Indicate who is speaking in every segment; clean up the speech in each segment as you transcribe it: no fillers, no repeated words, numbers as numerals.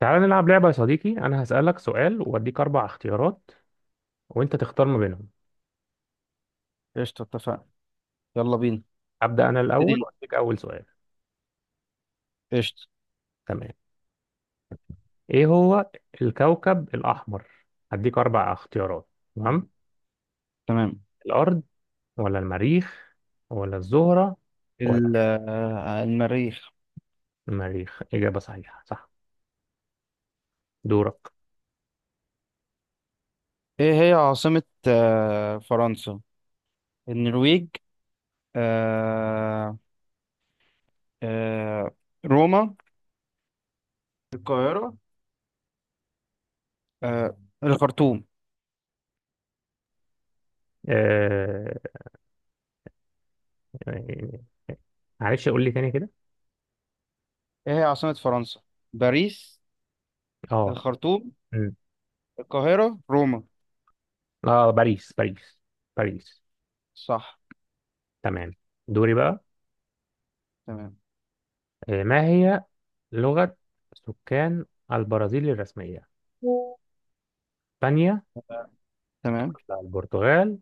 Speaker 1: تعال نلعب لعبة يا صديقي، أنا هسألك سؤال وأديك أربع اختيارات وأنت تختار ما بينهم.
Speaker 2: قشطة، اتفقنا. يلا بينا.
Speaker 1: أبدأ أنا
Speaker 2: ابتدي
Speaker 1: الأول
Speaker 2: انت.
Speaker 1: وأديك أول سؤال.
Speaker 2: قشطة.
Speaker 1: تمام. إيه هو الكوكب الأحمر؟ هديك أربع اختيارات. تمام.
Speaker 2: تمام.
Speaker 1: الأرض ولا المريخ ولا الزهرة ولا
Speaker 2: ال- آه، المريخ.
Speaker 1: المريخ؟ إجابة صحيحة، صح. دورك.
Speaker 2: ايه هي عاصمة فرنسا، النرويج، آه، آه، روما، القاهرة، آه، الخرطوم.
Speaker 1: آه... معلش، قول لي تاني كده.
Speaker 2: ايه هي عاصمة فرنسا؟ باريس،
Speaker 1: اه.
Speaker 2: الخرطوم،
Speaker 1: مم.
Speaker 2: القاهرة، روما.
Speaker 1: اه، باريس باريس باريس.
Speaker 2: صح.
Speaker 1: تمام. دوري بقى.
Speaker 2: تمام
Speaker 1: ما هي لغة سكان البرازيل الرسمية؟ اسبانيا
Speaker 2: تمام.
Speaker 1: ولا البرتغال؟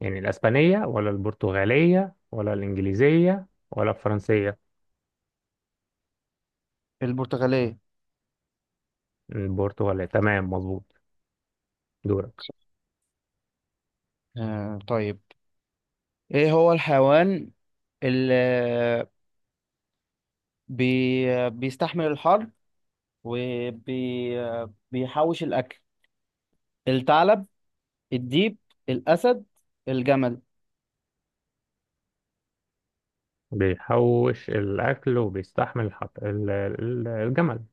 Speaker 1: يعني الاسبانية ولا البرتغالية ولا الانجليزية ولا الفرنسية؟
Speaker 2: البرتغالية.
Speaker 1: البرتغالية، تمام، مظبوط. دورك.
Speaker 2: طيب. ايه هو الحيوان اللي بي... بيستحمل الحر وبيحوش الأكل؟ الثعلب، الديب، الأسد، الجمل.
Speaker 1: بيحوش الاكل وبيستحمل الجمل،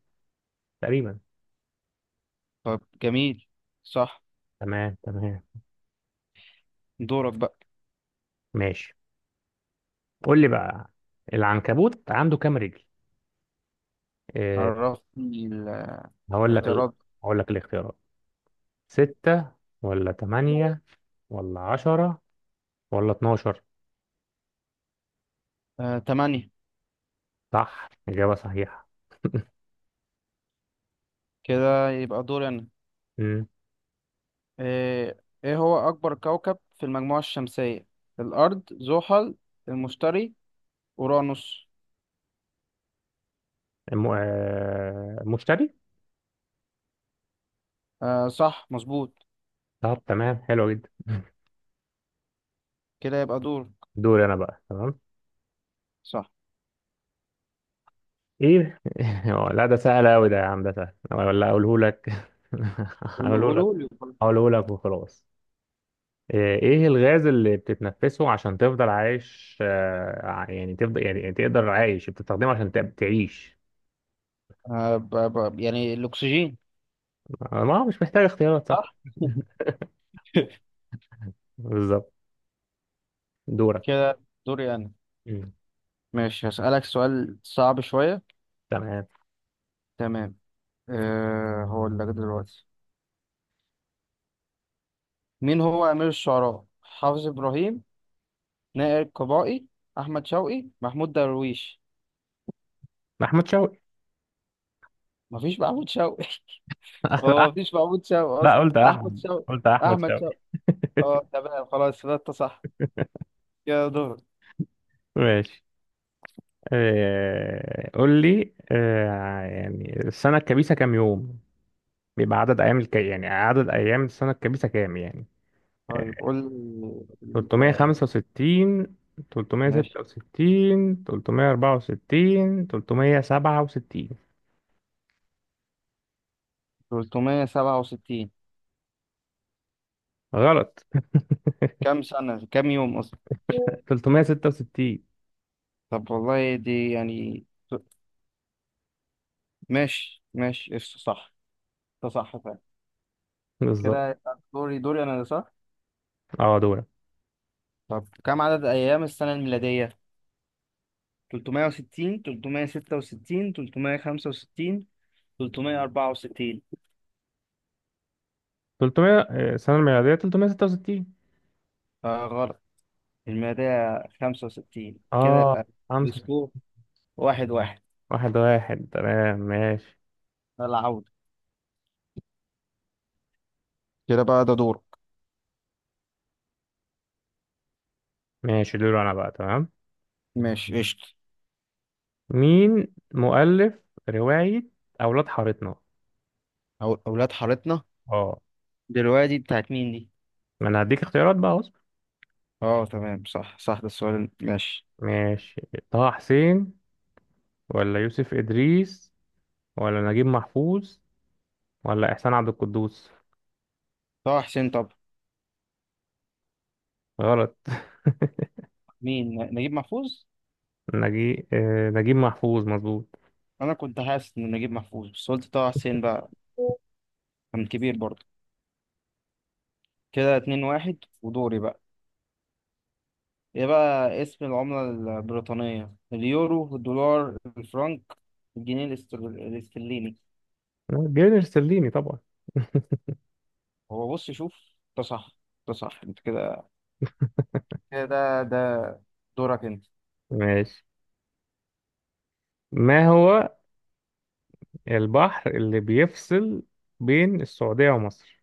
Speaker 1: تقريبا.
Speaker 2: طب جميل، صح.
Speaker 1: تمام تمام.
Speaker 2: دورك بقى.
Speaker 1: ماشي، قول لي بقى، العنكبوت عنده كام رجل؟ إيه؟
Speaker 2: عرفني
Speaker 1: هقول لك ال...
Speaker 2: الاختيارات.
Speaker 1: هقول لك الاختيارات: ستة ولا تمانية ولا 10 ولا 12؟
Speaker 2: تمانية.
Speaker 1: صح، إجابة صحيحة.
Speaker 2: كده يبقى دوري أنا.
Speaker 1: مم.
Speaker 2: آه، إيه هو أكبر كوكب في المجموعة الشمسية؟ الأرض، زحل، المشتري، أورانوس.
Speaker 1: الم... آه، مشتري.
Speaker 2: صح، مظبوط.
Speaker 1: طب تمام، حلو جدا.
Speaker 2: كده يبقى دورك.
Speaker 1: دوري أنا بقى، تمام.
Speaker 2: صح.
Speaker 1: إيه؟ لا، ده سهل أوي، ده يا عم، ده سهل ولا أقوله لك؟
Speaker 2: قولوا،
Speaker 1: أقوله لك.
Speaker 2: قولوا لي.
Speaker 1: أقوله لك وخلاص. إيه الغاز اللي بتتنفسه عشان تفضل عايش، يعني تفضل، يعني تقدر عايش، بتستخدمه عشان تعيش؟
Speaker 2: آه، ب- يعني الأكسجين.
Speaker 1: ما هو مش محتاج اختيارات، صح؟
Speaker 2: صح.
Speaker 1: بالظبط. دورك.
Speaker 2: كده دوري أنا.
Speaker 1: مم.
Speaker 2: ماشي، هسألك سؤال صعب شوية.
Speaker 1: تمام.
Speaker 2: تمام. أه هو اللي جه دلوقتي. مين هو أمير الشعراء؟ حافظ إبراهيم، نائر قبائي، أحمد شوقي، محمود درويش.
Speaker 1: أحمد شوقي.
Speaker 2: مفيش محمود شوقي. هو مفيش محمود شوقي
Speaker 1: لا،
Speaker 2: أصلا،
Speaker 1: قلت
Speaker 2: أحمد
Speaker 1: أحمد،
Speaker 2: شوقي.
Speaker 1: قلت أحمد
Speaker 2: أحمد شوقي.
Speaker 1: شوقي.
Speaker 2: أه تمام، خلاص ده أنت صح. يا دور.
Speaker 1: ماشي. قول لي، يعني السنة الكبيسة كام يوم؟ بيبقى عدد أيام يعني عدد أيام السنة الكبيسة كام يعني؟
Speaker 2: طيب قول ال-
Speaker 1: 365،
Speaker 2: ماشي،
Speaker 1: 366، 364، 367.
Speaker 2: 367.
Speaker 1: غلط.
Speaker 2: كم سنة كم يوم أصلا.
Speaker 1: 366،
Speaker 2: طب والله دي يعني. ماشي ماشي، قشطة، صح. ده صح.
Speaker 1: بالظبط.
Speaker 2: كده يبقى دوري، انا، صح.
Speaker 1: اه، دول.
Speaker 2: طب كم عدد ايام السنة الميلادية؟ 360، 366، 365، 364.
Speaker 1: 300، السنة الميلادية 366.
Speaker 2: آه غلط. الميلادية 65. كده
Speaker 1: اه،
Speaker 2: يبقى
Speaker 1: 5.
Speaker 2: السكور واحد واحد.
Speaker 1: 1-1، تمام. ماشي
Speaker 2: العودة. كده بقى ده دورك.
Speaker 1: ماشي. دول أنا بقى، تمام.
Speaker 2: ماشي، قشطة.
Speaker 1: مين مؤلف رواية أولاد حارتنا؟
Speaker 2: أو أولاد حارتنا.
Speaker 1: اه،
Speaker 2: دلوقتي بتاعت مين دي؟
Speaker 1: ما انا هديك اختيارات بقى، اصبر.
Speaker 2: اه تمام، صح صح، ده السؤال، ماشي.
Speaker 1: ماشي. طه حسين ولا يوسف إدريس ولا نجيب محفوظ ولا إحسان عبد القدوس؟
Speaker 2: طه حسين. طب
Speaker 1: غلط.
Speaker 2: مين نجيب محفوظ؟
Speaker 1: نجيب محفوظ، مظبوط.
Speaker 2: أنا كنت حاسس إن نجيب محفوظ بس قلت طه حسين بقى. كان كبير برضه. كده اتنين واحد ودوري بقى. ايه بقى اسم العملة البريطانية؟ اليورو، الدولار، الفرنك، الجنيه الاسترليني.
Speaker 1: جابر سليني طبعا.
Speaker 2: هو بص شوف، ده صح، ده صح. انت كده، ده دورك انت.
Speaker 1: ماشي. ما هو البحر اللي بيفصل بين السعودية ومصر،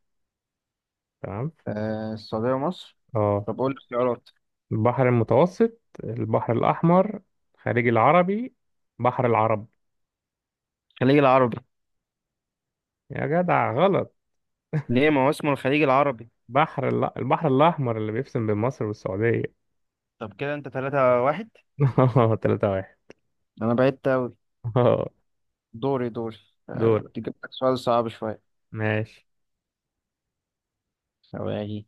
Speaker 1: تمام؟
Speaker 2: آه، السعودية ومصر.
Speaker 1: اه،
Speaker 2: طب قول لي اختيارات.
Speaker 1: البحر المتوسط، البحر الأحمر، خليج العربي، بحر العرب.
Speaker 2: الخليج العربي.
Speaker 1: يا جدع غلط.
Speaker 2: ليه، ما هو اسمه الخليج العربي.
Speaker 1: البحر الأحمر اللي بيفصل بين مصر والسعودية.
Speaker 2: طب كده انت تلاتة واحد.
Speaker 1: 3-1.
Speaker 2: انا بعدت اوي.
Speaker 1: اه،
Speaker 2: دوري،
Speaker 1: دول.
Speaker 2: تجيب لك سؤال صعب شوية.
Speaker 1: ماشي.
Speaker 2: ثواني.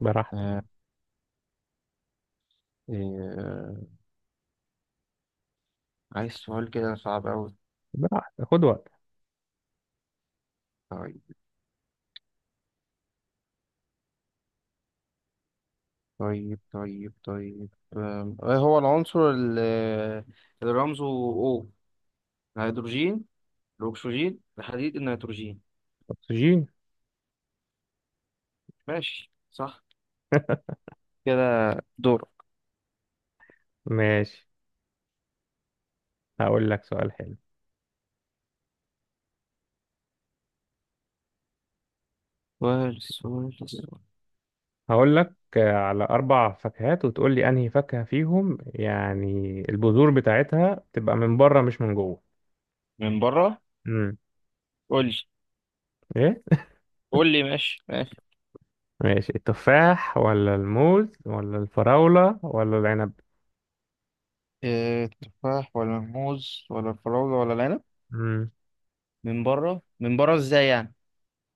Speaker 1: براحتك.
Speaker 2: آه، إيه، آه، عايز سؤال كده صعب اوي.
Speaker 1: براحتك، خد وقت.
Speaker 2: طيب طيب طيب، ايه هو العنصر اللي رمزه O؟ الهيدروجين، الأكسجين، الحديد، النيتروجين.
Speaker 1: أكسجين.
Speaker 2: ماشي، صح. كده دور.
Speaker 1: ماشي. هقول لك سؤال حلو.
Speaker 2: سؤال.
Speaker 1: هقول لك على أربع فاكهات وتقول لي أنهي فاكهة فيهم، يعني البذور بتاعتها تبقى من بره مش من جوه.
Speaker 2: من بره.
Speaker 1: امم.
Speaker 2: قول لي،
Speaker 1: إيه؟
Speaker 2: قول لي ماشي ماشي.
Speaker 1: ماشي، التفاح ولا الموز ولا الفراولة ولا العنب؟
Speaker 2: إيه، تفاح ولا موز ولا فراولة ولا العنب؟ من بره، من بره ازاي يعني؟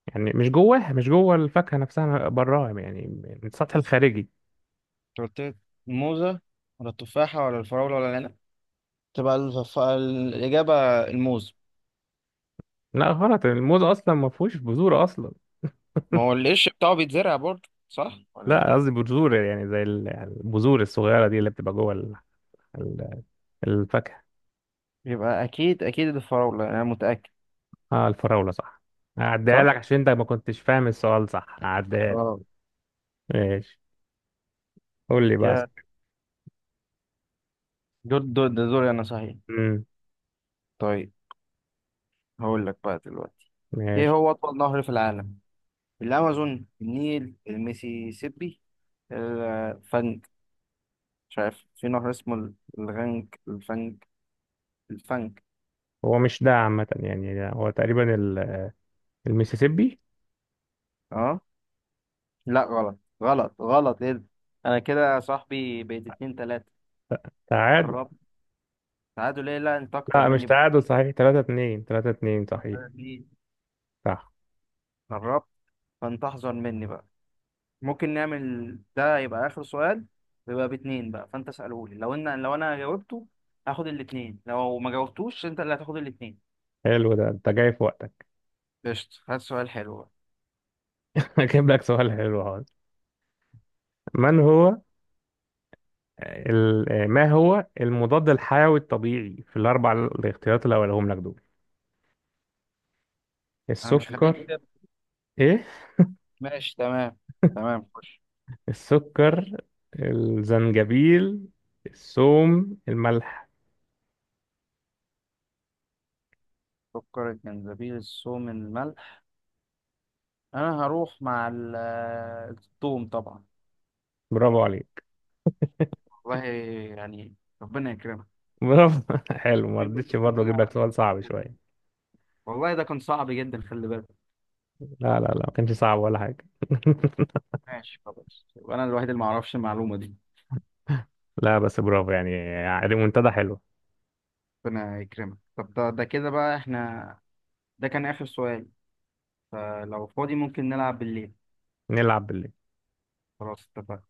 Speaker 1: يعني مش جواها، مش جوه الفاكهة نفسها، براها يعني، من السطح الخارجي.
Speaker 2: أنت قلت لي الموزة ولا التفاحة ولا الفراولة ولا العنب. تبقى الإجابة الموز.
Speaker 1: لا غلط، الموز اصلا ما فيهوش بذور اصلا.
Speaker 2: ما هو القش بتاعه بيتزرع برضه، صح ولا؟
Speaker 1: لا، قصدي بذور يعني زي البذور الصغيرة دي اللي بتبقى جوه ال- الفاكهة.
Speaker 2: يبقى اكيد، الفراولة يعني، انا متأكد.
Speaker 1: اه، الفراولة صح. هعديها
Speaker 2: صح.
Speaker 1: لك عشان انت ما كنتش فاهم السؤال، صح، هعديها لك.
Speaker 2: اه.
Speaker 1: ماشي، قول لي بقى.
Speaker 2: كده دور، ده دوري انا صحيح.
Speaker 1: امم.
Speaker 2: طيب، هقول لك بقى دلوقتي. ايه
Speaker 1: ماشي.
Speaker 2: هو اطول نهر في العالم؟ الامازون، النيل، الميسيسيبي، الفنج. مش عارف في نهر اسمه الغنج، الفنج، الفنج.
Speaker 1: هو مش ده عامة، يعني ده هو تقريبا المسيسيبي.
Speaker 2: اه. لا غلط غلط غلط، ايه ده؟ انا كده يا صاحبي بقيت اتنين تلاتة.
Speaker 1: تعادل.
Speaker 2: قربت. تعادل ايه، لا انت اكتر
Speaker 1: لا، مش
Speaker 2: مني
Speaker 1: تعادل، صحيح 3-2، 3-2، صحيح. صح.
Speaker 2: قربت. فانت احذر مني بقى. ممكن نعمل ده يبقى آخر سؤال، ويبقى باتنين بقى. فأنت اسأله لي، لو أنا جاوبته هاخد الاتنين، لو ما جاوبتوش أنت اللي هتاخد الاتنين.
Speaker 1: حلو، ده انت جاي في وقتك.
Speaker 2: قشطة، هات سؤال حلو بقى.
Speaker 1: هجيب لك سؤال حلو هذا. من هو ما هو المضاد الحيوي الطبيعي في الاربع الاختيارات اللي هقولهم لك دول؟
Speaker 2: أنا مش، خليك
Speaker 1: السكر.
Speaker 2: كده.
Speaker 1: ايه؟
Speaker 2: ماشي تمام. تمام، خش.
Speaker 1: السكر، الزنجبيل، الثوم، الملح.
Speaker 2: سكر، الجنزبيل، الثوم، الملح. أنا هروح مع الثوم طبعا.
Speaker 1: برافو عليك.
Speaker 2: والله يعني، ربنا يكرمك.
Speaker 1: برافو. حلو، ما
Speaker 2: أمي كنت
Speaker 1: رضيتش
Speaker 2: بتقول إن
Speaker 1: برضه،
Speaker 2: أنا
Speaker 1: اجيب لك
Speaker 2: هاخد
Speaker 1: سؤال صعب
Speaker 2: الثوم.
Speaker 1: شويه.
Speaker 2: والله ده كان صعب جدا، خلي بالك.
Speaker 1: لا لا لا، ما كانش صعب ولا حاجه.
Speaker 2: ماشي خلاص، وأنا الوحيد اللي ما أعرفش المعلومة دي.
Speaker 1: لا، بس برافو، يعني منتدى حلو.
Speaker 2: ربنا يكرمك. طب ده، كده بقى احنا ده كان آخر سؤال. فلو فاضي ممكن نلعب بالليل.
Speaker 1: نلعب بالليل.
Speaker 2: خلاص، اتفقنا.